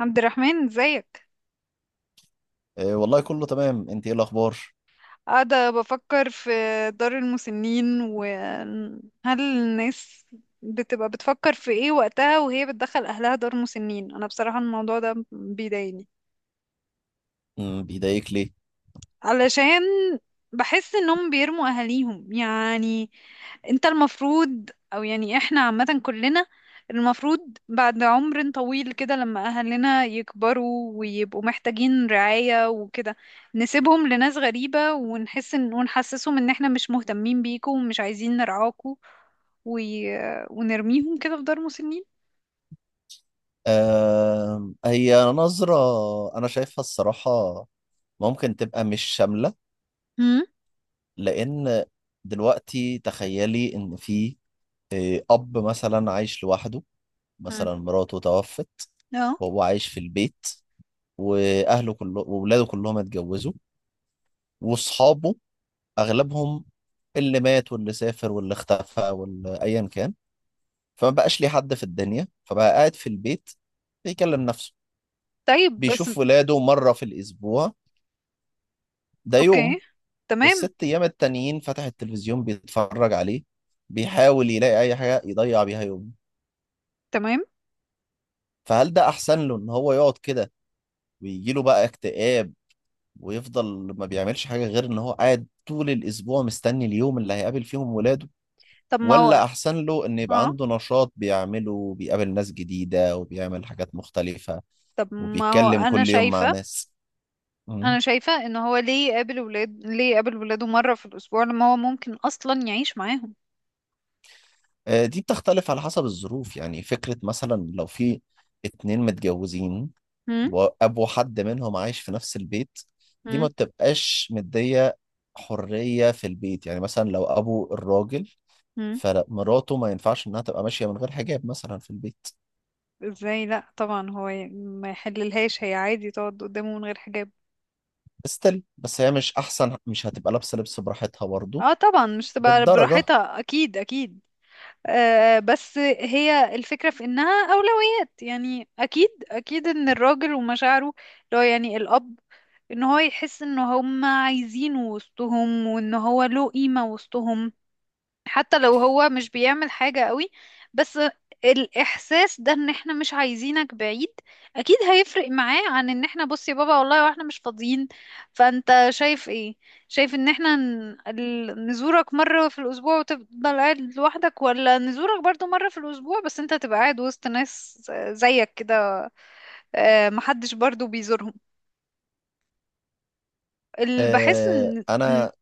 عبد الرحمن، ازيك؟ آه، والله كله تمام، انت ايه الاخبار؟ قاعدة بفكر في دار المسنين، وهل الناس بتبقى بتفكر في ايه وقتها وهي بتدخل اهلها دار مسنين؟ انا بصراحة الموضوع ده بيضايقني، بيضايقك ليه؟ علشان بحس انهم بيرموا اهاليهم يعني. انت المفروض، او يعني احنا عامة كلنا المفروض بعد عمر طويل كده لما اهلنا يكبروا ويبقوا محتاجين رعاية وكده، نسيبهم لناس غريبة ونحس ان ونحسسهم ان احنا مش مهتمين بيكم ومش عايزين نرعاكم و... ونرميهم كده في دار مسنين. آه، هي نظرة انا شايفها الصراحة، ممكن تبقى مش شاملة، امم لان دلوقتي تخيلي ان في اب مثلا عايش لوحده، امم مثلا مراته توفت اه. وهو عايش في البيت، واهله كله وولاده كلهم اتجوزوا، واصحابه اغلبهم، اللي مات واللي سافر واللي اختفى واللي ايا كان، فما بقاش ليه حد في الدنيا، فبقى قاعد في البيت بيكلم نفسه، طيب. بس. بيشوف ولاده مرة في الأسبوع، ده يوم، اوكي. تمام، والست أيام التانيين فتح التلفزيون بيتفرج عليه، بيحاول يلاقي أي حاجة يضيع بيها يومه. تمام. فهل ده أحسن له إن هو يقعد كده ويجيله بقى اكتئاب ويفضل ما بيعملش حاجة غير إن هو قاعد طول الأسبوع مستني اليوم اللي هيقابل فيهم ولاده؟ طب ما هو. ولا أحسن له إن يبقى اه، عنده نشاط بيعمله وبيقابل ناس جديدة وبيعمل حاجات مختلفة طب ما هو وبيتكلم انا كل يوم مع شايفه ناس؟ مم. انا شايفه ان هو ليه يقابل ولاده مره في الاسبوع لما هو ممكن اصلا يعيش معاهم؟ دي بتختلف على حسب الظروف، يعني فكرة مثلا لو في اتنين متجوزين هم وأبو حد منهم عايش في نفس البيت، دي ما هم بتبقاش مدية حرية في البيت. يعني مثلا لو أبو الراجل، هم فمراته ما ينفعش إنها تبقى ماشية من غير حجاب مثلا في البيت. ازاي؟ لا طبعا، هو ما يحللهاش هي عادي تقعد قدامه من غير حجاب. استل بس هي مش أحسن، مش هتبقى لابسة لبس براحتها برضه اه طبعا، مش تبقى للدرجة. براحتها، اكيد اكيد. آه، بس هي الفكره في انها اولويات، يعني اكيد اكيد ان الراجل ومشاعره، اللي هو يعني الاب، ان هو يحس ان هم عايزينه وسطهم وان هو له قيمه وسطهم، حتى لو هو مش بيعمل حاجة قوي، بس الإحساس ده إن إحنا مش عايزينك بعيد أكيد هيفرق معاه عن إن إحنا بص يا بابا والله وإحنا مش فاضيين. فأنت شايف إيه؟ شايف إن إحنا نزورك مرة في الأسبوع وتفضل قاعد لوحدك، ولا نزورك برضو مرة في الأسبوع بس أنت تبقى قاعد وسط ناس زيك كده؟ آه، محدش برضو بيزورهم. اللي بحس آه، إن أنا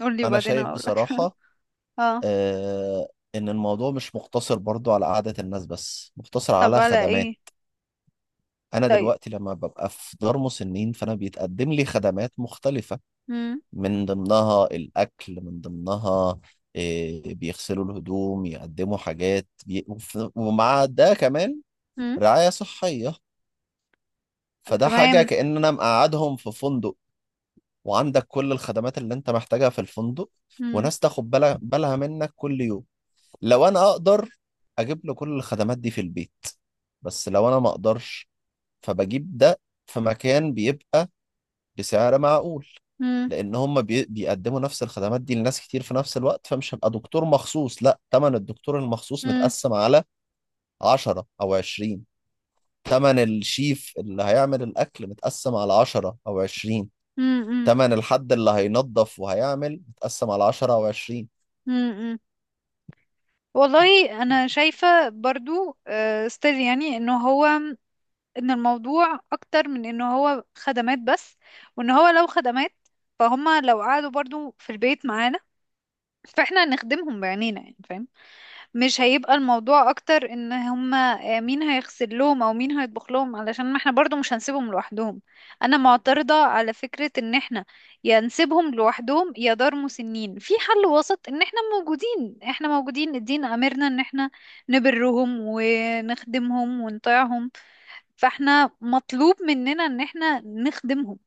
قولي أنا وبعدين شايف أقولك. بصراحة، اه. آه ان الموضوع مش مقتصر برضو على قعدة الناس بس، مقتصر طب على على خدمات. إيه؟ انا طيب. دلوقتي لما ببقى في دار مسنين فانا بيتقدم لي خدمات مختلفة، مم. من ضمنها الاكل، من ضمنها بيغسلوا الهدوم، يقدموا حاجات ومع ده كمان مم. رعاية صحية. فده حاجة تمام. كأن انا مقعدهم في فندق، وعندك كل الخدمات اللي انت محتاجها في الفندق، مم. وناس تاخد بالها منك كل يوم. لو انا اقدر اجيب له كل الخدمات دي في البيت، بس لو انا ما اقدرش فبجيب ده في مكان بيبقى بسعر معقول، مم. لان هم بيقدموا نفس الخدمات دي لناس كتير في نفس الوقت، فمش هبقى دكتور مخصوص، لا تمن الدكتور المخصوص مم. متقسم على 10 او 20، تمن الشيف اللي هيعمل الاكل متقسم على 10 او 20، مم. تمن الحد اللي هينظف وهيعمل متقسم على 10 او 20. مم. مم. والله انا شايفة برضو ستيل يعني انه هو، ان الموضوع اكتر من انه هو خدمات بس. وان هو لو خدمات، فهم لو قعدوا برضو في البيت معانا فاحنا هنخدمهم بعينينا، يعني فاهم؟ مش هيبقى الموضوع اكتر ان هما، آه، مين هيغسل لهم او مين هيطبخ لهم، علشان ما احنا برضو مش هنسيبهم لوحدهم. انا معترضة على فكرة ان احنا يا نسيبهم لوحدهم يا دار مسنين. في حل وسط، ان احنا موجودين، احنا موجودين. الدين امرنا ان احنا نبرهم ونخدمهم ونطيعهم، فاحنا مطلوب مننا ان احنا نخدمهم.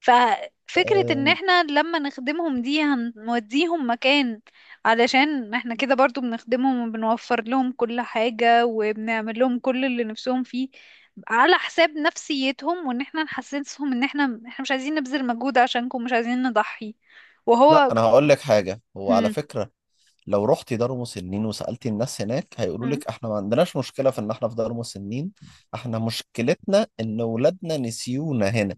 ففكرة ان أم، احنا لما نخدمهم دي هنوديهم مكان علشان احنا كده برضو بنخدمهم وبنوفر لهم كل حاجة وبنعمل لهم كل اللي نفسهم فيه، على حساب نفسيتهم وان احنا نحسسهم ان احنا مش عايزين نبذل مجهود عشانكم، مش عايزين نضحي. لا وهو. انا هقول لك حاجة، هو على هم. فكرة لو رحتي دار مسنين وسألتي الناس هناك هيقولوا هم. لك احنا ما عندناش مشكلة في ان احنا في دار مسنين، احنا مشكلتنا ان ولادنا نسيونا هنا.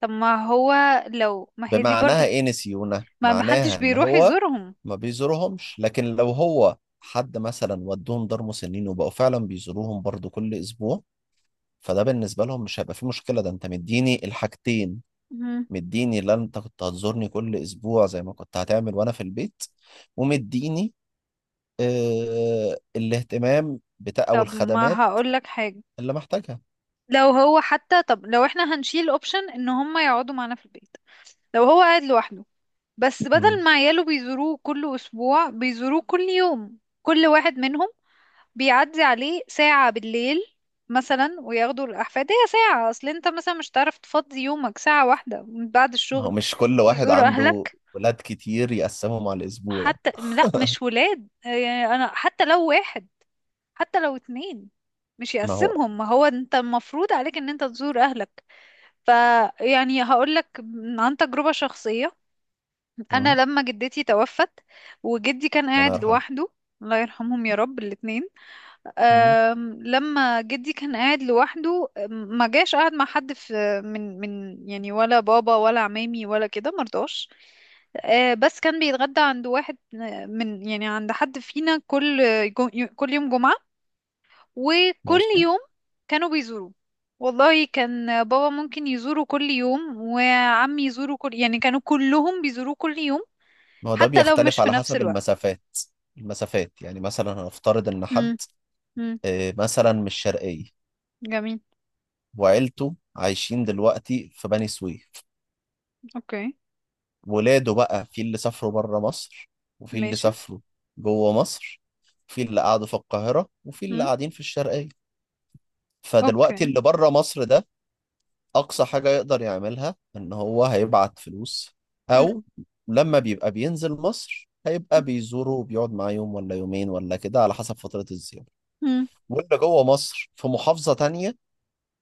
طب ما هو، لو ما هي دي بمعناها برضو، ايه نسيونا؟ ما حدش معناها ان بيروح هو يزورهم. ما بيزورهمش. لكن لو هو حد مثلا ودوهم دار مسنين وبقوا فعلا بيزوروهم برضو كل اسبوع، فده بالنسبة لهم مش هيبقى فيه مشكلة. ده انت مديني الحاجتين، هم. مديني اللي انت كنت هتزورني كل اسبوع زي ما كنت هتعمل وانا في البيت، ومديني الاهتمام بتاع او طب ما الخدمات هقول لك حاجة، اللي محتاجها. لو هو حتى، طب لو احنا هنشيل اوبشن ان هم يقعدوا معانا في البيت، لو هو قاعد لوحده بس مم. بدل ما عياله بيزوروه كل أسبوع بيزوروه كل يوم، كل واحد منهم بيعدي عليه ساعة بالليل مثلا وياخدوا الأحفاد. هي ساعة، أصل أنت مثلا مش هتعرف تفضي يومك ساعة واحدة من بعد ما هو الشغل مش كل واحد تزور عنده أهلك؟ ولاد كتير يقسمهم على الاسبوع. حتى لا، مش ولاد يعني، أنا حتى لو واحد، حتى لو اتنين، مش ما هو. يقسمهم، ما هو أنت المفروض عليك أن أنت تزور أهلك. فيعني هقولك عن تجربة شخصية، انا مم. لما جدتي توفت وجدي كان الله قاعد يرحمه. لوحده، الله يرحمهم يا رب الاتنين، مم. لما جدي كان قاعد لوحده ما جاش قاعد مع حد، في من من يعني ولا بابا ولا عمامي ولا كده، مرضاش. بس كان بيتغدى عند واحد، من يعني عند حد فينا كل جو- كل يوم جمعة. وكل ماشي. يوم كانوا بيزوروه، والله كان بابا ممكن يزوره كل يوم وعمي يزوره كل، يعني كانوا كلهم بيزوروه كل يوم، ما هو ده حتى لو مش بيختلف في على نفس حسب الوقت. المسافات، المسافات يعني مثلا هنفترض ان حد امم. امم. مثلا من الشرقية جميل. وعيلته عايشين دلوقتي في بني سويف، اوكي. ولاده بقى في اللي سافروا بره مصر وفي اللي ماشي. سافروا جوه مصر، في اللي قعدوا في القاهرة وفي اللي امم. قاعدين في الشرقية. فدلوقتي اوكي. اللي بره مصر ده اقصى حاجة يقدر يعملها ان هو هيبعت فلوس، امم. او لما بيبقى بينزل مصر هيبقى بيزوره وبيقعد معاه يوم ولا يومين ولا كده على حسب فترة الزيارة. امم. واللي جوه مصر في محافظة تانية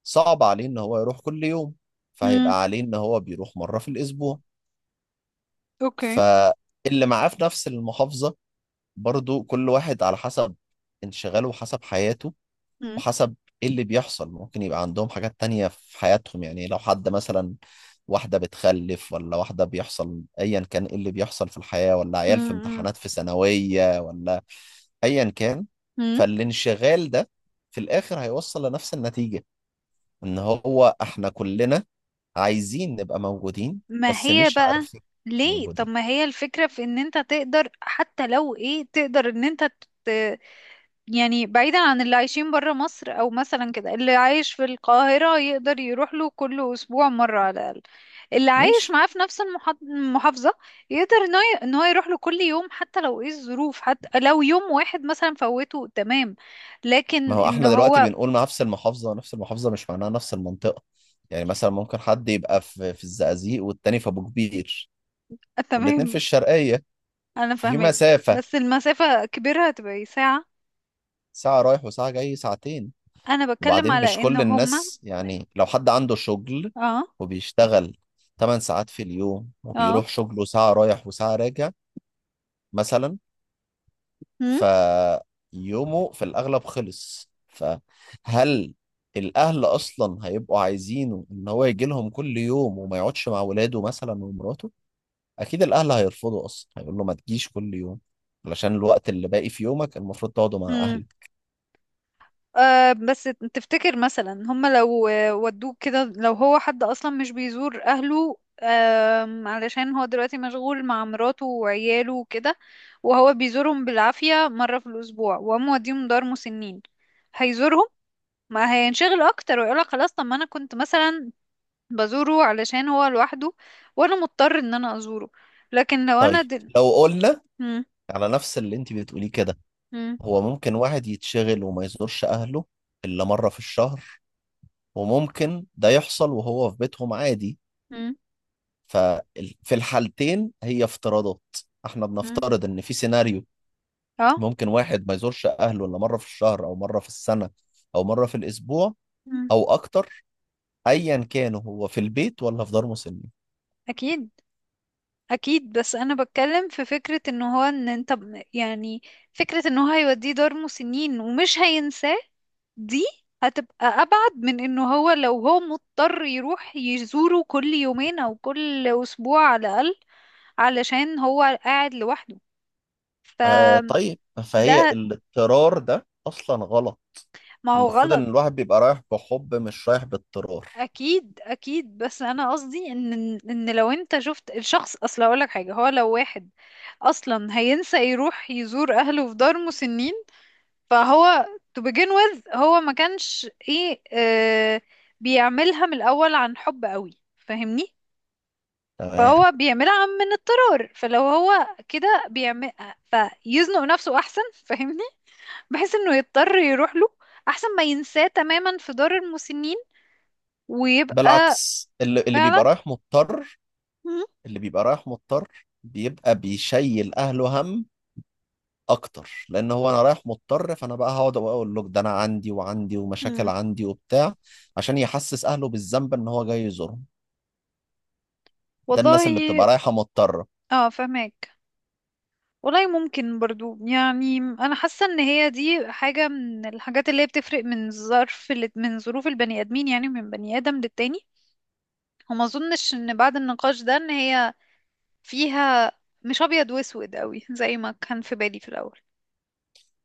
صعب عليه ان هو يروح كل يوم، امم. فهيبقى عليه ان هو بيروح مرة في الاسبوع. اوكي. فاللي معاه في نفس المحافظة برضو كل واحد على حسب انشغاله وحسب حياته امم. وحسب ايه اللي بيحصل، ممكن يبقى عندهم حاجات تانية في حياتهم، يعني لو حد مثلا واحدة بتخلف ولا واحدة بيحصل ايا كان ايه اللي بيحصل في الحياة، ولا عيال في امم. امتحانات في ثانوية ولا ايا كان. امم. فالانشغال ده في الاخر هيوصل لنفس النتيجة، ان هو احنا كلنا عايزين نبقى موجودين ما بس هي مش بقى عارفين ليه؟ طب موجودين. ما هي الفكرة في ان انت تقدر، حتى لو ايه، تقدر ان انت يعني، بعيدا عن اللي عايشين برا مصر او مثلا كده، اللي عايش في القاهرة يقدر يروح له كل اسبوع مرة على الاقل، اللي عايش ماشي. معاه في نفس المحافظة يقدر ان هو إن هو يروح له كل يوم، حتى لو ايه الظروف، حتى لو يوم واحد مثلا فوته تمام، ما لكن هو ان احنا دلوقتي هو. بنقول نفس المحافظة، نفس المحافظة مش معناها نفس المنطقة، يعني مثلا ممكن حد يبقى في الزقازيق والتاني في أبو كبير والاتنين في تمام. الشرقية، انا ففي فاهمك. مسافة بس المسافة كبيرة هتبقى إيه، ساعة. ساعة رايح وساعة جاي، ساعتين. انا بتكلم وبعدين مش على ان كل هما. الناس، يعني لو حد عنده شغل اه. وبيشتغل 8 ساعات في اليوم اه. وبيروح شغله ساعة رايح وساعة راجع مثلا، فيومه في الأغلب خلص. فهل الأهل أصلا هيبقوا عايزينه إن هو يجي لهم كل يوم وما يقعدش مع ولاده مثلا ومراته؟ أكيد الأهل هيرفضوا، أصلا هيقول له ما تجيش كل يوم، علشان الوقت اللي باقي في يومك المفروض تقعده مع هم. أهلك. آه بس تفتكر مثلا هم لو، آه، ودوك كده، لو هو حد اصلا مش بيزور اهله، آم، علشان هو دلوقتي مشغول مع مراته وعياله وكده، وهو بيزورهم بالعافية مرة في الاسبوع، وقام موديهم دار مسنين، هيزورهم؟ ما هينشغل اكتر ويقولك خلاص، طب ما انا كنت مثلا بزوره علشان هو لوحده وانا مضطر ان انا ازوره، لكن لو طيب، انا لو قلنا مم. على نفس اللي أنت بتقوليه كده، مم. هو ممكن واحد يتشغل وما يزورش أهله إلا مرة في الشهر، وممكن ده يحصل وهو في بيتهم عادي. مم. ففي الحالتين هي افتراضات، احنا مم. بنفترض ان في سيناريو اه. ممكن واحد ما يزورش اهله الا مره في الشهر او مره في السنه او مره في الاسبوع مم. او اكتر، ايا كان هو في البيت ولا في دار مسنين. اكيد اكيد، بس انا بتكلم في فكرة ان هو، ان انت يعني فكرة ان هو هيوديه دار مسنين ومش هينساه دي، هتبقى ابعد من انه هو لو هو مضطر يروح يزوره كل يومين او كل اسبوع على الاقل علشان هو قاعد لوحده. آه، فده. طيب، فهي الاضطرار ده اصلا غلط، ما هو المفروض ان غلط. الواحد بيبقى رايح بحب مش رايح باضطرار. اكيد اكيد، بس انا قصدي ان، ان لو انت شفت الشخص، اصل اقول لك حاجه، هو لو واحد اصلا هينسى يروح يزور اهله في دار مسنين، فهو to begin with هو ما كانش، ايه آه، بيعملها من الاول عن حب قوي، فاهمني؟ تمام. فهو بيعملها من اضطرار، فلو هو كده بيعمل فيزنق نفسه احسن، فاهمني؟ بحيث انه يضطر يروح له احسن ما ينساه تماما في دار المسنين ويبقى. بالعكس اللي فعلا. بيبقى رايح مضطر، مم. اللي بيبقى رايح مضطر بيبقى بيشيل اهله هم اكتر، لان هو انا رايح مضطر، فانا بقى هقعد اقول له ده انا عندي وعندي ومشاكل مم. عندي وبتاع، عشان يحسس اهله بالذنب ان هو جاي يزورهم، ده الناس اللي بتبقى والله. رايحه مضطره. اه فهمك. والله ممكن برضو، يعني انا حاسه ان هي دي حاجه من الحاجات اللي هي بتفرق من من ظروف البني ادمين، يعني من بني ادم للتاني، وما اظنش ان بعد النقاش ده ان هي فيها، مش ابيض واسود قوي زي ما كان في بالي في الاول.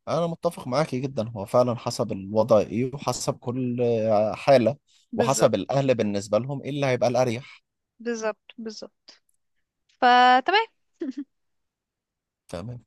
انا متفق معاكي جدا، هو فعلا حسب الوضع ايه وحسب كل حاله، بالظبط، وحسب الاهل بالنسبه لهم ايه اللي هيبقى الاريح. بالظبط. بالظبط. فتمام. تمام.